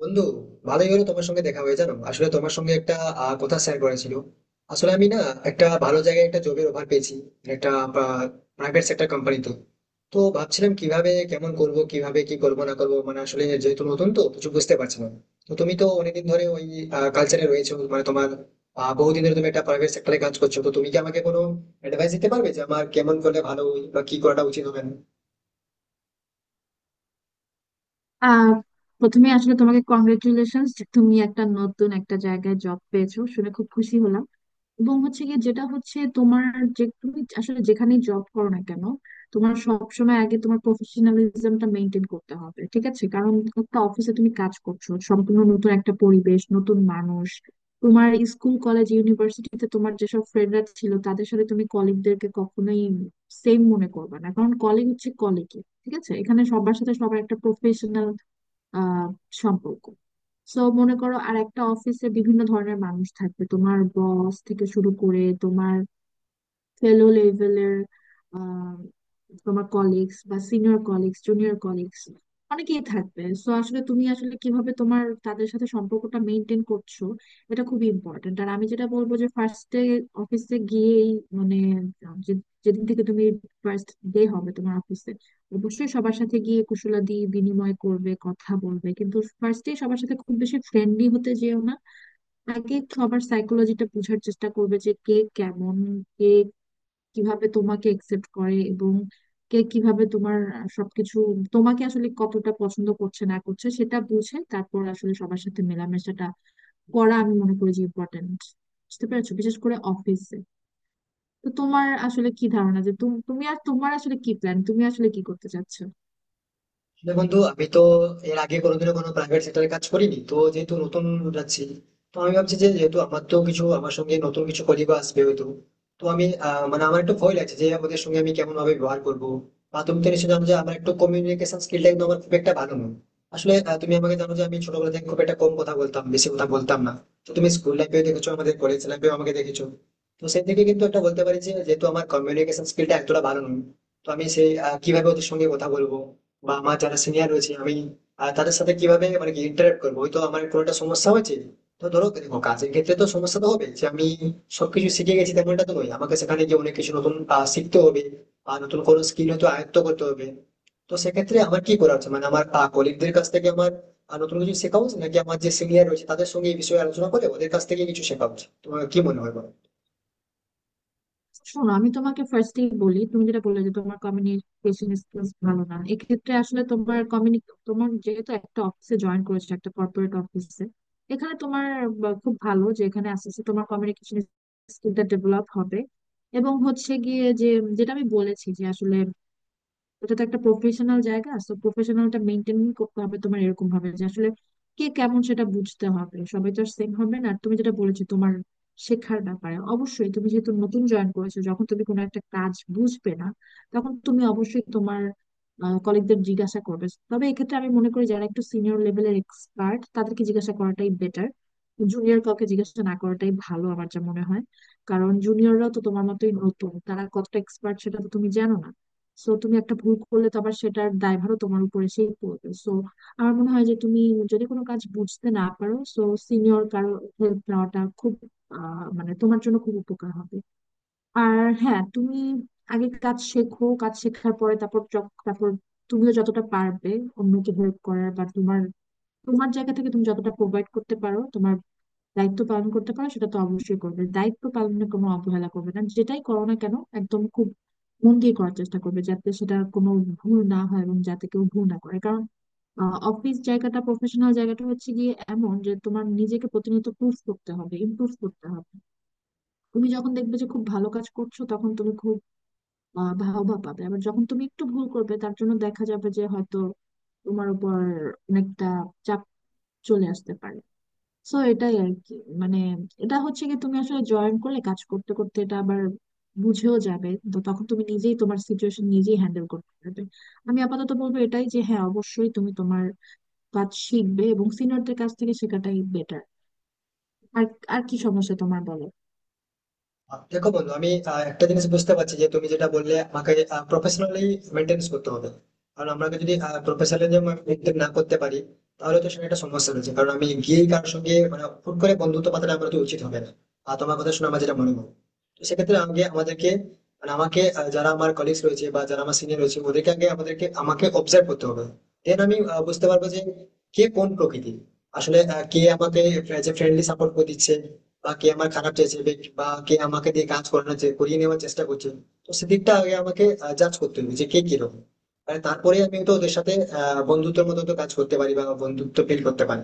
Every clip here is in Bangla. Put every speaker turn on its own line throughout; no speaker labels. বন্ধু, ভালোই হলো তোমার সঙ্গে দেখা হয়ে। জানো, আসলে তোমার সঙ্গে একটা কথা শেয়ার করেছিল। আসলে আমি না একটা ভালো জায়গায় একটা জবের অফার পেয়েছি, একটা প্রাইভেট সেক্টর কোম্পানিতে। তো ভাবছিলাম কিভাবে কেমন করব, কিভাবে কি করবো না করবো, মানে আসলে যেহেতু নতুন তো কিছু বুঝতে পারছি না। তো তুমি তো অনেকদিন ধরে ওই কালচারে রয়েছো, মানে তোমার বহুদিন ধরে তুমি একটা প্রাইভেট সেক্টরে কাজ করছো। তো তুমি কি আমাকে কোনো অ্যাডভাইস দিতে পারবে যে আমার কেমন করলে ভালো হয় বা কি করাটা উচিত হবে না?
আহ প্রথমে আসলে তোমাকে কংগ্রেচুলেশন। তুমি একটা নতুন একটা জায়গায় জব পেয়েছো শুনে খুব খুশি হলাম। এবং হচ্ছে গিয়ে যেটা হচ্ছে তোমার, যে তুমি আসলে যেখানেই জব করো না কেন, তোমার সবসময় আগে তোমার প্রফেশনালিজমটা মেনটেন করতে হবে, ঠিক আছে? কারণ একটা অফিসে তুমি কাজ করছো, সম্পূর্ণ নতুন একটা পরিবেশ, নতুন মানুষ। তোমার স্কুল কলেজ ইউনিভার্সিটিতে তোমার যেসব ফ্রেন্ডরা ছিল তাদের সাথে তুমি কলিগদেরকে কখনোই সেম মনে করবে না, কারণ কলিগ হচ্ছে কলিগই, ঠিক আছে? এখানে সবার সাথে সবার একটা প্রফেশনাল আহ সম্পর্ক। সো মনে করো আর একটা অফিসে বিভিন্ন ধরনের মানুষ থাকবে, তোমার বস থেকে শুরু করে তোমার ফেলো লেভেলের আহ, তোমার কলিগস বা সিনিয়র কলিগস, জুনিয়র কলিগস, অনেকেই থাকবে। সো আসলে তুমি আসলে কিভাবে তোমার তাদের সাথে সম্পর্কটা মেনটেন করছো, এটা খুবই ইম্পর্টেন্ট। আর আমি যেটা বলবো যে ফার্স্টে অফিসে গিয়েই, মানে যেদিন থেকে তুমি ফার্স্ট ডে হবে তোমার অফিসে, অবশ্যই সবার সাথে গিয়ে কুশলাদি বিনিময় করবে, কথা বলবে, কিন্তু ফার্স্টে সবার সাথে খুব বেশি ফ্রেন্ডলি হতে যেও না। আগে সবার সাইকোলজিটা বোঝার চেষ্টা করবে যে কে কেমন, কিভাবে তোমাকে একসেপ্ট করে, এবং কে কিভাবে তোমার সবকিছু, তোমাকে আসলে কতটা পছন্দ করছে না করছে, সেটা বুঝে তারপর আসলে সবার সাথে মেলামেশাটা করা আমি মনে করি যে ইম্পর্টেন্ট। বুঝতে পেরেছো, বিশেষ করে অফিসে। তো তোমার আসলে কি ধারণা যে তুমি তুমি আর তোমার আসলে কি প্ল্যান, তুমি আসলে কি করতে চাচ্ছ?
আসলে বন্ধু, আমি তো এর আগে কোনোদিনও কোনো প্রাইভেট সেক্টরে কাজ করিনি, তো যেহেতু নতুন যাচ্ছি। তো আমি ভাবছি যে যেহেতু আমার তো কিছু আমার সঙ্গে নতুন কিছু কলিগ আসবে হয়তো, তো আমি মানে আমার একটু ভয় লাগছে যে ওদের সঙ্গে আমি কেমন ভাবে ব্যবহার করবো। বা তুমি তো নিশ্চয়ই জানো যে আমার একটু কমিউনিকেশন স্কিলটা কিন্তু আমার খুব একটা ভালো নয়। আসলে তুমি আমাকে জানো যে আমি ছোটবেলা থেকে খুব একটা কম কথা বলতাম, বেশি কথা বলতাম না। তো তুমি স্কুল লাইফেও দেখেছো, আমাদের কলেজ লাইফেও আমাকে দেখেছো। তো সেই থেকে কিন্তু একটা বলতে পারি যে যেহেতু আমার কমিউনিকেশন স্কিলটা এতটা ভালো নয়, তো আমি সেই কিভাবে ওদের সঙ্গে কথা বলবো, বা আমার যারা সিনিয়র রয়েছে আমি তাদের সাথে কিভাবে মানে কি ইন্টারেক্ট করবো, ওই তো আমার কোনো একটা সমস্যা হয়েছে। তো ধরো দেখো, কাজের ক্ষেত্রে তো সমস্যা তো হবে। যে আমি সবকিছু শিখে গেছি তেমনটা তো নয়, আমাকে সেখানে গিয়ে অনেক কিছু নতুন শিখতে হবে, আর নতুন কোনো স্কিল হয়তো আয়ত্ত করতে হবে। তো সেক্ষেত্রে আমার কি করা উচিত? মানে আমার কলিগদের কাছ থেকে আমার নতুন কিছু শেখা উচিত, নাকি আমার যে সিনিয়র রয়েছে তাদের সঙ্গে এই বিষয়ে আলোচনা করে ওদের কাছ থেকে কিছু শেখা উচিত? তোমার কি মনে হয় বলো?
শোনো, আমি তোমাকে ফার্স্টেই বলি, তুমি যেটা বললে যে তোমার কমিউনিকেশন স্কিলস ভালো না, এক্ষেত্রে আসলে তোমার কমিউনি, তোমার যেহেতু একটা অফিসে জয়েন করেছো, একটা কর্পোরেট অফিসে, এখানে তোমার, বা খুব ভালো যে এখানে আস্তে আস্তে তোমার কমিউনিকেশন স্কিলটা ডেভেলপ হবে। এবং হচ্ছে গিয়ে যে, যেটা আমি বলেছি যে আসলে, এটা তো একটা প্রফেশনাল জায়গা, তো প্রফেশনালটা মেনটেন করতে হবে তোমার, এরকম ভাবে যে আসলে কে কেমন সেটা বুঝতে হবে, সবাই তো আর সেম হবে না। আর তুমি যেটা বলেছো তোমার শেখার ব্যাপারে, অবশ্যই তুমি যেহেতু নতুন জয়েন করেছো, যখন তুমি কোনো একটা কাজ বুঝবে না, তখন তুমি অবশ্যই তোমার কলিগদের জিজ্ঞাসা করবে। তবে এক্ষেত্রে আমি মনে করি যারা একটু সিনিয়র লেভেলের এক্সপার্ট তাদেরকে জিজ্ঞাসা করাটাই বেটার, জুনিয়র কাউকে জিজ্ঞাসা না করাটাই ভালো আমার যা মনে হয়। কারণ জুনিয়ররা তো তোমার মতোই নতুন, তারা কতটা এক্সপার্ট সেটা তো তুমি জানো না। সো তুমি একটা ভুল করলে তো আবার সেটার দায়ভারও তোমার উপরে সেই পড়বে। সো আমার মনে হয় যে তুমি যদি কোনো কাজ বুঝতে না পারো, সো সিনিয়র কারো হেল্প নেওয়াটা খুব, মানে তোমার জন্য খুব উপকার হবে। আর হ্যাঁ, তুমি আগে কাজ শেখো, কাজ শেখার পরে তারপর, তারপর তুমিও যতটা পারবে অন্যকে হেল্প করার, বা তোমার, তোমার জায়গা থেকে তুমি যতটা প্রোভাইড করতে পারো, তোমার দায়িত্ব পালন করতে পারো, সেটা তো অবশ্যই করবে। দায়িত্ব পালনে কোনো অবহেলা করবে না, যেটাই করো না কেন একদম খুব মন দিয়ে করার চেষ্টা করবে, যাতে সেটা কোনো ভুল না হয় এবং যাতে কেউ ভুল না করে। কারণ অফিস জায়গাটা, প্রফেশনাল জায়গাটা হচ্ছে গিয়ে এমন যে তোমার নিজেকে প্রতিনিয়ত প্রুফ করতে হবে, ইমপ্রুভ করতে হবে। তুমি যখন দেখবে যে খুব ভালো কাজ করছো, তখন তুমি খুব ভাবা পাবে। আবার যখন তুমি একটু ভুল করবে, তার জন্য দেখা যাবে যে হয়তো তোমার উপর অনেকটা চাপ চলে আসতে পারে। সো এটাই আর কি, মানে এটা হচ্ছে কি, তুমি আসলে জয়েন করলে কাজ করতে করতে এটা আবার বুঝেও যাবে, তো তখন তুমি নিজেই তোমার সিচুয়েশন নিজেই হ্যান্ডেল করতে পারবে। আমি আপাতত বলবো এটাই যে হ্যাঁ, অবশ্যই তুমি তোমার কাজ শিখবে এবং সিনিয়রদের কাছ থেকে শেখাটাই বেটার। আর আর কি সমস্যা তোমার, বলো?
দেখো বন্ধু, আমি একটা জিনিস বুঝতে পারছি যে তুমি যেটা বললে আমাকে প্রফেশনালি মেনটেন করতে হবে। কারণ আমরা যদি প্রফেশনালি মেনটেন না করতে পারি তাহলে তো সেটা একটা সমস্যা রয়েছে। কারণ আমি গিয়ে কারোর সঙ্গে মানে হুট করে বন্ধুত্ব পাতাটা আমার তো উচিত হবে না। আর তোমার কথা শুনে আমার যেটা মনে হয়, তো সেক্ষেত্রে আগে আমাদেরকে, মানে আমাকে, যারা আমার কলিগস রয়েছে বা যারা আমার সিনিয়র রয়েছে ওদেরকে আগে আমাদেরকে আমাকে অবজার্ভ করতে হবে। দেন আমি বুঝতে পারবো যে কে কোন প্রকৃতি, আসলে কে আমাকে যে ফ্রেন্ডলি সাপোর্ট করে দিচ্ছে, বা কে আমার খারাপ চাইছে, বা কে আমাকে দিয়ে কাজ করানোর করিয়ে নেওয়ার চেষ্টা করছে। তো সেদিকটা আগে আমাকে জাজ করতে হবে যে কে কিরকম। মানে তারপরে আমি তো ওদের সাথে বন্ধুত্বের মতো তো কাজ করতে পারি, বা বন্ধুত্ব ফিল করতে পারি।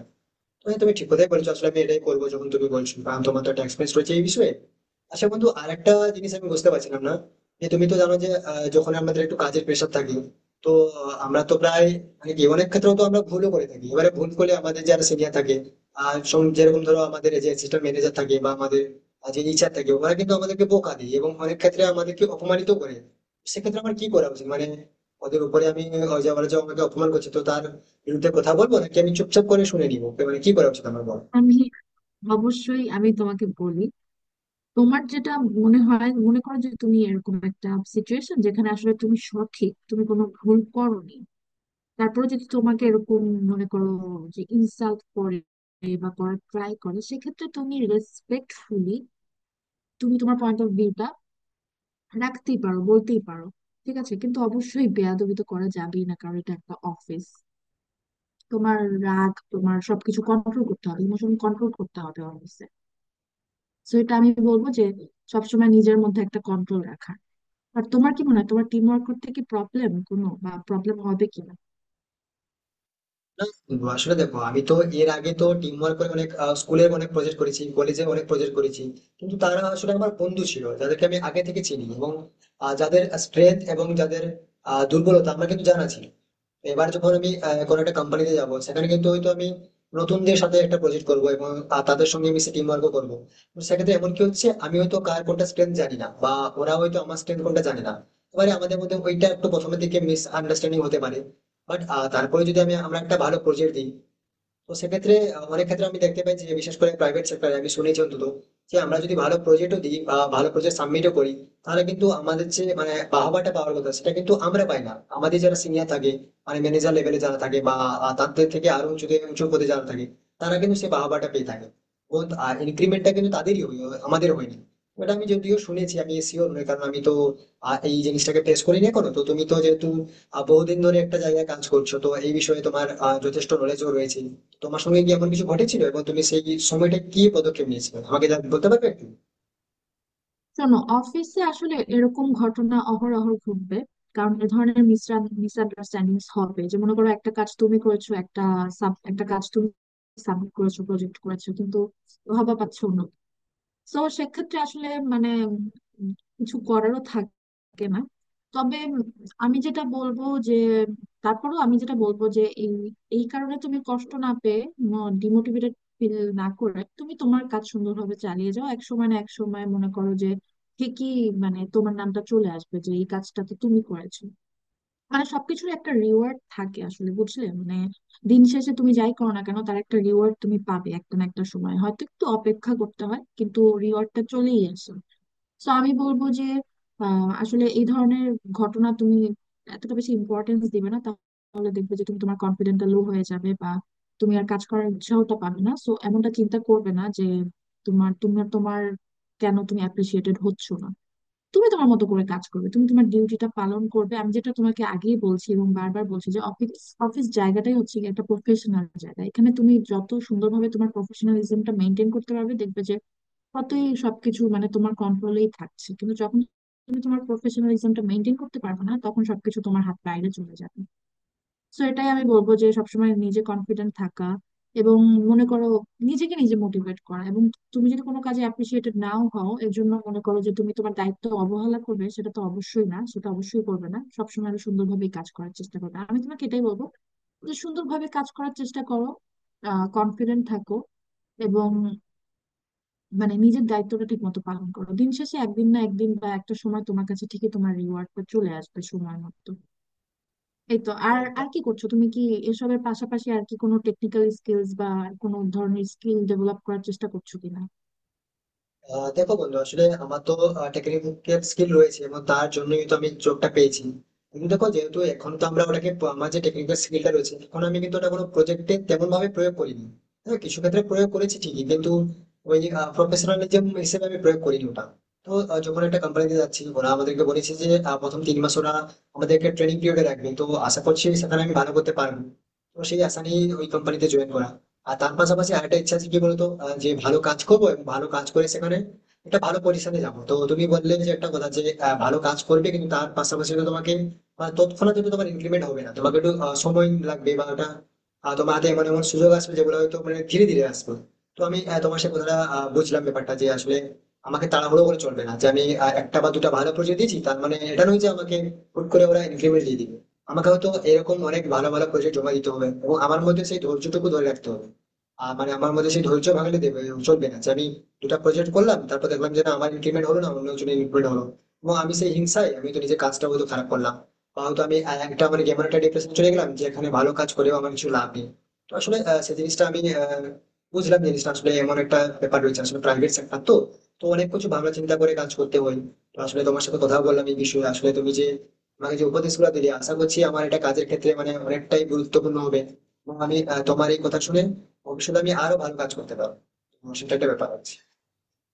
হ্যাঁ, তুমি ঠিক কথাই বলেছো। আসলে আমি এটাই করবো যখন তুমি বলছো, কারণ তোমার তো একটা experience রয়েছে এই বিষয়ে। আচ্ছা বন্ধু, আর একটা জিনিস আমি বুঝতে পারছিলাম না। যে তুমি তো জানো যে যখন আমাদের একটু কাজের প্রেশার থাকে, তো আমরা তো প্রায় মানে কি অনেক ক্ষেত্রে তো আমরা ভুলও করে থাকি। এবারে ভুল করলে আমাদের যারা সিনিয়র থাকে, আর যেরকম ধরো আমাদের যে অ্যাসিস্ট্যান্ট ম্যানেজার থাকে বা আমাদের যে ইচ্ছা থাকে, ওরা কিন্তু আমাদেরকে বোকা দেয় এবং অনেক ক্ষেত্রে আমাদেরকে অপমানিত করে। সেক্ষেত্রে আমার কি করা উচিত? মানে ওদের উপরে আমি, ওই যে ওরা যে আমাকে অপমান করছে তো তার বিরুদ্ধে কথা বলবো, নাকি আমি চুপচাপ করে শুনে নিবো? ওকে মানে কি করা উচিত আমার বলো?
আমি, অবশ্যই আমি তোমাকে বলি, তোমার যেটা মনে হয়, মনে করো যে তুমি এরকম একটা সিচুয়েশন যেখানে আসলে তুমি সঠিক, তুমি কোনো ভুল করোনি, তারপরে যদি তোমাকে এরকম, মনে করো যে ইনসাল্ট করে বা করার ট্রাই করে, সেক্ষেত্রে তুমি রেসপেক্টফুলি তুমি তোমার পয়েন্ট অফ ভিউটা রাখতেই পারো, বলতেই পারো, ঠিক আছে? কিন্তু অবশ্যই বেয়াদবি তো করা যাবেই না, কারণ এটা একটা অফিস। তোমার রাগ, তোমার সবকিছু কন্ট্রোল করতে হবে, ইমোশন কন্ট্রোল করতে হবে অফিসে। তো এটা আমি বলবো যে সবসময় নিজের মধ্যে একটা কন্ট্রোল রাখা। আর তোমার কি মনে হয়, তোমার টিম ওয়ার্ক করতে কি প্রবলেম কোনো বা প্রবলেম হবে কি?
না বন্ধু, আসলে দেখো আমি তো এর আগে তো টিম ওয়ার্ক করে অনেক, স্কুলে অনেক প্রজেক্ট করেছি, কলেজে অনেক প্রজেক্ট করেছি। কিন্তু তারা আসলে আমার বন্ধু ছিল যাদেরকে আমি আগে থেকে চিনি, এবং যাদের স্ট্রেংথ এবং যাদের দুর্বলতা আমার কিন্তু জানা ছিল। এবার যখন আমি কোনো একটা কোম্পানিতে যাব, সেখানে কিন্তু হয়তো আমি নতুনদের সাথে একটা প্রজেক্ট করব এবং তাদের সঙ্গে মিশে টিম ওয়ার্কও করবো। তো সেক্ষেত্রে এমন কি হচ্ছে, আমি হয়তো কার কোনটা স্ট্রেংথ জানি না, বা ওরা হয়তো আমার স্ট্রেংথ কোনটা জানে না। এবারে আমাদের মধ্যে ওইটা একটু প্রথমের দিকে মিস আন্ডারস্ট্যান্ডিং হতে পারে। বাট তারপরে যদি আমরা একটা ভালো প্রজেক্ট দিই, তো সেক্ষেত্রে অনেক ক্ষেত্রে আমি দেখতে পাই যে বিশেষ করে প্রাইভেট সেক্টরে আমি শুনেছি অন্তত, যে আমরা যদি ভালো প্রজেক্টও দিই বা ভালো প্রজেক্ট সাবমিটও করি, তাহলে কিন্তু আমাদের যে মানে বাহবাটা পাওয়ার কথা সেটা কিন্তু আমরা পাই না। আমাদের যারা সিনিয়র থাকে, মানে ম্যানেজার লেভেলে যারা থাকে, বা তাদের থেকে আরো উঁচু উঁচু পদে যারা থাকে, তারা কিন্তু সে বাহবাটা পেয়ে থাকে, এবং ইনক্রিমেন্টটা কিন্তু তাদেরই হয়, আমাদের হয়নি। ওটা আমি যদিও শুনেছি, আমি শিওর নই, কারণ আমি তো এই জিনিসটাকে ফেস করি না এখনো। তো তুমি তো যেহেতু বহুদিন ধরে একটা জায়গায় কাজ করছো, তো এই বিষয়ে তোমার যথেষ্ট নলেজও রয়েছে। তোমার সঙ্গে কি এমন কিছু ঘটেছিল, এবং তুমি সেই সময়টা কি পদক্ষেপ নিয়েছিলে আমাকে বলতে পারবে একটু?
শোনো, অফিসে আসলে এরকম ঘটনা অহরহ ঘটবে। কারণ এ ধরনের মিসআন্ডারস্ট্যান্ডিং হবে যে, মনে করো একটা কাজ তুমি করেছো, একটা একটা কাজ তুমি সাবমিট করেছো, প্রজেক্ট করেছো, কিন্তু হবা পাচ্ছ অন্য। তো সেক্ষেত্রে আসলে, মানে কিছু করারও থাকে না। তবে আমি যেটা বলবো যে, তারপরেও আমি যেটা বলবো যে এই, এই কারণে তুমি কষ্ট না পেয়ে, ডিমোটিভেটেড ফিল না করে তুমি তোমার কাজ সুন্দরভাবে চালিয়ে যাও। এক সময় না এক সময় মনে করো যে ঠিকই, মানে তোমার নামটা চলে আসবে যে এই কাজটা তো তুমি করেছো। মানে সবকিছুর একটা রিওয়ার্ড থাকে আসলে, বুঝলে? মানে দিন শেষে তুমি যাই করো না কেন তার একটা রিওয়ার্ড তুমি পাবে একটা না একটা সময়, হয়তো একটু অপেক্ষা করতে হয়, কিন্তু রিওয়ার্ডটা চলেই আসে। তো আমি বলবো যে, আসলে এই ধরনের ঘটনা তুমি এতটা বেশি ইম্পর্টেন্স দিবে না, তাহলে দেখবে যে তুমি তোমার কনফিডেন্টটা লো হয়ে যাবে, বা তুমি আর কাজ করার উৎসাহটা পাবে না। সো এমনটা চিন্তা করবে না যে তোমার তোমার তোমার কেন তুমি অ্যাপ্রিসিয়েটেড হচ্ছ না। তুমি তোমার মতো করে কাজ করবে, তুমি তোমার ডিউটিটা পালন করবে। আমি যেটা তোমাকে আগেই বলছি এবং বারবার বলছি যে অফিস অফিস জায়গাটাই হচ্ছে গিয়ে একটা প্রফেশনাল জায়গা। এখানে তুমি যত সুন্দরভাবে তোমার প্রফেশনালিজমটা মেনটেন করতে পারবে, দেখবে যে কতই সবকিছু মানে তোমার কন্ট্রোলেই থাকছে, কিন্তু যখন তুমি তোমার প্রফেশনালিজমটা মেনটেন করতে পারবে না, তখন সবকিছু তোমার হাত বাইরে চলে যাবে। সো এটাই আমি বলবো যে সবসময় নিজে কনফিডেন্ট থাকা, এবং মনে করো নিজেকে নিজে মোটিভেট করা। এবং তুমি যদি কোনো কাজে অ্যাপ্রিসিয়েটেড নাও হও, এর জন্য মনে করো যে তুমি তোমার দায়িত্ব অবহেলা করবে, সেটা তো অবশ্যই না, সেটা অবশ্যই করবে না। সবসময় আরো সুন্দরভাবে কাজ করার চেষ্টা করবে। আমি তোমাকে এটাই বলবো যে সুন্দরভাবে কাজ করার চেষ্টা করো, কনফিডেন্ট থাকো, এবং মানে নিজের দায়িত্বটা ঠিক মতো পালন করো। দিন শেষে একদিন না একদিন বা একটা সময় তোমার কাছে ঠিকই তোমার রিওয়ার্ডটা চলে আসবে সময় মতো। এই তো। আর
হ্যাঁ।
আর কি করছো তুমি, কি এসবের পাশাপাশি আর কি কোনো টেকনিক্যাল স্কিলস বা কোনো ধরনের স্কিল ডেভেলপ করার চেষ্টা করছো কিনা?
দেখো বন্ধু, আসলে আমার তো টেকনিক্যাল স্কিল রয়েছে এবং তার জন্যই তো আমি জবটা পেয়েছি। কিন্তু দেখো যেহেতু এখন তো আমরা আমার যে টেকনিক্যাল স্কিলটা রয়েছে এখন আমি কিন্তু ওটা কোনো প্রজেক্টে তেমন ভাবে প্রয়োগ করিনি। হ্যাঁ, কিছু ক্ষেত্রে প্রয়োগ করেছি ঠিকই, কিন্তু ওই প্রফেশনালিজম হিসেবে আমি প্রয়োগ করিনি ওটা। তো যখন একটা কোম্পানিতে যাচ্ছি, ওরা আমাদেরকে বলেছে যে প্রথম 3 মাস ওরা আমাদেরকে ট্রেনিং পিরিয়ডে রাখবে, তো আশা করছি সেখানে আমি ভালো করতে পারবো। তো সেই আশা নিয়ে ওই কোম্পানিতে জয়েন করা। আর তার পাশাপাশি আরেকটা ইচ্ছা আছে কি বলতো, যে ভালো কাজ করবো এবং ভালো কাজ করে সেখানে একটা ভালো পজিশনে যাবো। তো তুমি বললে যে একটা কথা যে ভালো কাজ করবে কিন্তু তার পাশাপাশি তো তোমাকে তৎক্ষণাৎ কিন্তু তোমার ইমপ্লিমেন্ট হবে না, তোমাকে একটু সময় লাগবে, বা ওটা তোমার হাতে এমন এমন সুযোগ আসবে যেগুলো হয়তো মানে ধীরে ধীরে আসবে। তো আমি তোমার সে কথাটা বুঝলাম ব্যাপারটা যে আসলে আমাকে তাড়াহুড়ো করে চলবে না। যে আমি একটা বা দুটা ভালো প্রজেক্ট দিয়েছি তার মানে এটা নয় যে আমাকে হুট করে ওরা ইনক্রিমেন্ট দিয়ে দিবে। আমাকে হয়তো এরকম অনেক ভালো ভালো প্রজেক্ট জমা দিতে হবে, এবং আমার মধ্যে সেই ধৈর্যটুকু ধরে রাখতে হবে। মানে আমার মধ্যে সেই ধৈর্য ভাঙলে দেবে চলবে না। যে আমি দুটা প্রজেক্ট করলাম তারপর দেখলাম যে না আমার ইমপ্লিমেন্ট হলো না, অন্য জনের ইমপ্লিমেন্ট হলো, এবং আমি সেই হিংসায় আমি তো নিজের কাজটা হয়তো খারাপ করলাম। বা হয়তো আমি একটা মানে এমন একটা ডিপ্রেশন চলে গেলাম যে এখানে ভালো কাজ করেও আমার কিছু লাভ নেই। তো আসলে সেই জিনিসটা আমি বুঝলাম যে জিনিসটা আসলে এমন একটা ব্যাপার রয়েছে, আসলে প্রাইভেট সেক্টর তো, অনেক কিছু ভাবনা চিন্তা করে কাজ করতে হয়। তো আসলে তোমার সাথে কথা বললাম এই বিষয়ে, আসলে তুমি যে আমাকে যে উপদেশগুলো দিলে আশা করছি আমার এটা কাজের ক্ষেত্রে মানে অনেকটাই গুরুত্বপূর্ণ হবে। এবং আমি তোমার এই কথা শুনে ভবিষ্যতে আমি আরো ভালো কাজ করতে পারবো, আমার সেটা একটা ব্যাপার আছে।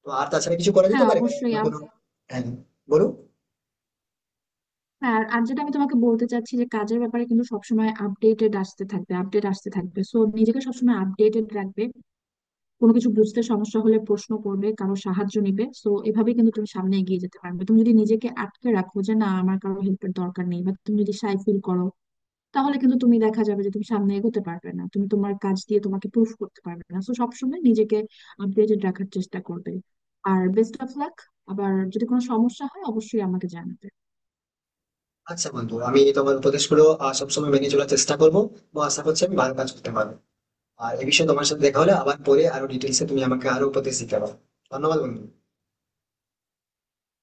তো আর তাছাড়া কিছু করা
হ্যাঁ,
যেতে পারে মানে
অবশ্যই
অন্য কোনো? হ্যাঁ, বলো।
আর আর যেটা আমি তোমাকে বলতে চাচ্ছি যে কাজের ব্যাপারে কিন্তু সবসময় আপডেটেড আসতে থাকবে, আপডেট আসতে থাকবে, সো নিজেকে সবসময় আপডেটেড রাখবে। কোনো কিছু বুঝতে সমস্যা হলে প্রশ্ন করবে, কারো সাহায্য নেবে। সো এভাবে কিন্তু তুমি সামনে এগিয়ে যেতে পারবে। তুমি যদি নিজেকে আটকে রাখো যে না আমার কারো হেল্পের দরকার নেই, বা তুমি যদি সাই ফিল করো, তাহলে কিন্তু তুমি, দেখা যাবে যে তুমি সামনে এগোতে পারবে না, তুমি তোমার কাজ দিয়ে তোমাকে প্রুফ করতে পারবে না। তো সবসময় নিজেকে আপডেটেড রাখার চেষ্টা করবে। আর বেস্ট অফ লাক। আবার যদি কোনো সমস্যা হয় অবশ্যই আমাকে জানাবে।
আচ্ছা বন্ধু, আমি তোমার উপদেশগুলো সবসময় মেনে চলার চেষ্টা করবো, এবং আশা করছি আমি ভালো কাজ করতে পারবো। আর এ বিষয়ে তোমার সাথে দেখা হলে আবার পরে আরো ডিটেলসে তুমি আমাকে আরো উপদেশ দিতে পারো। ধন্যবাদ বন্ধু।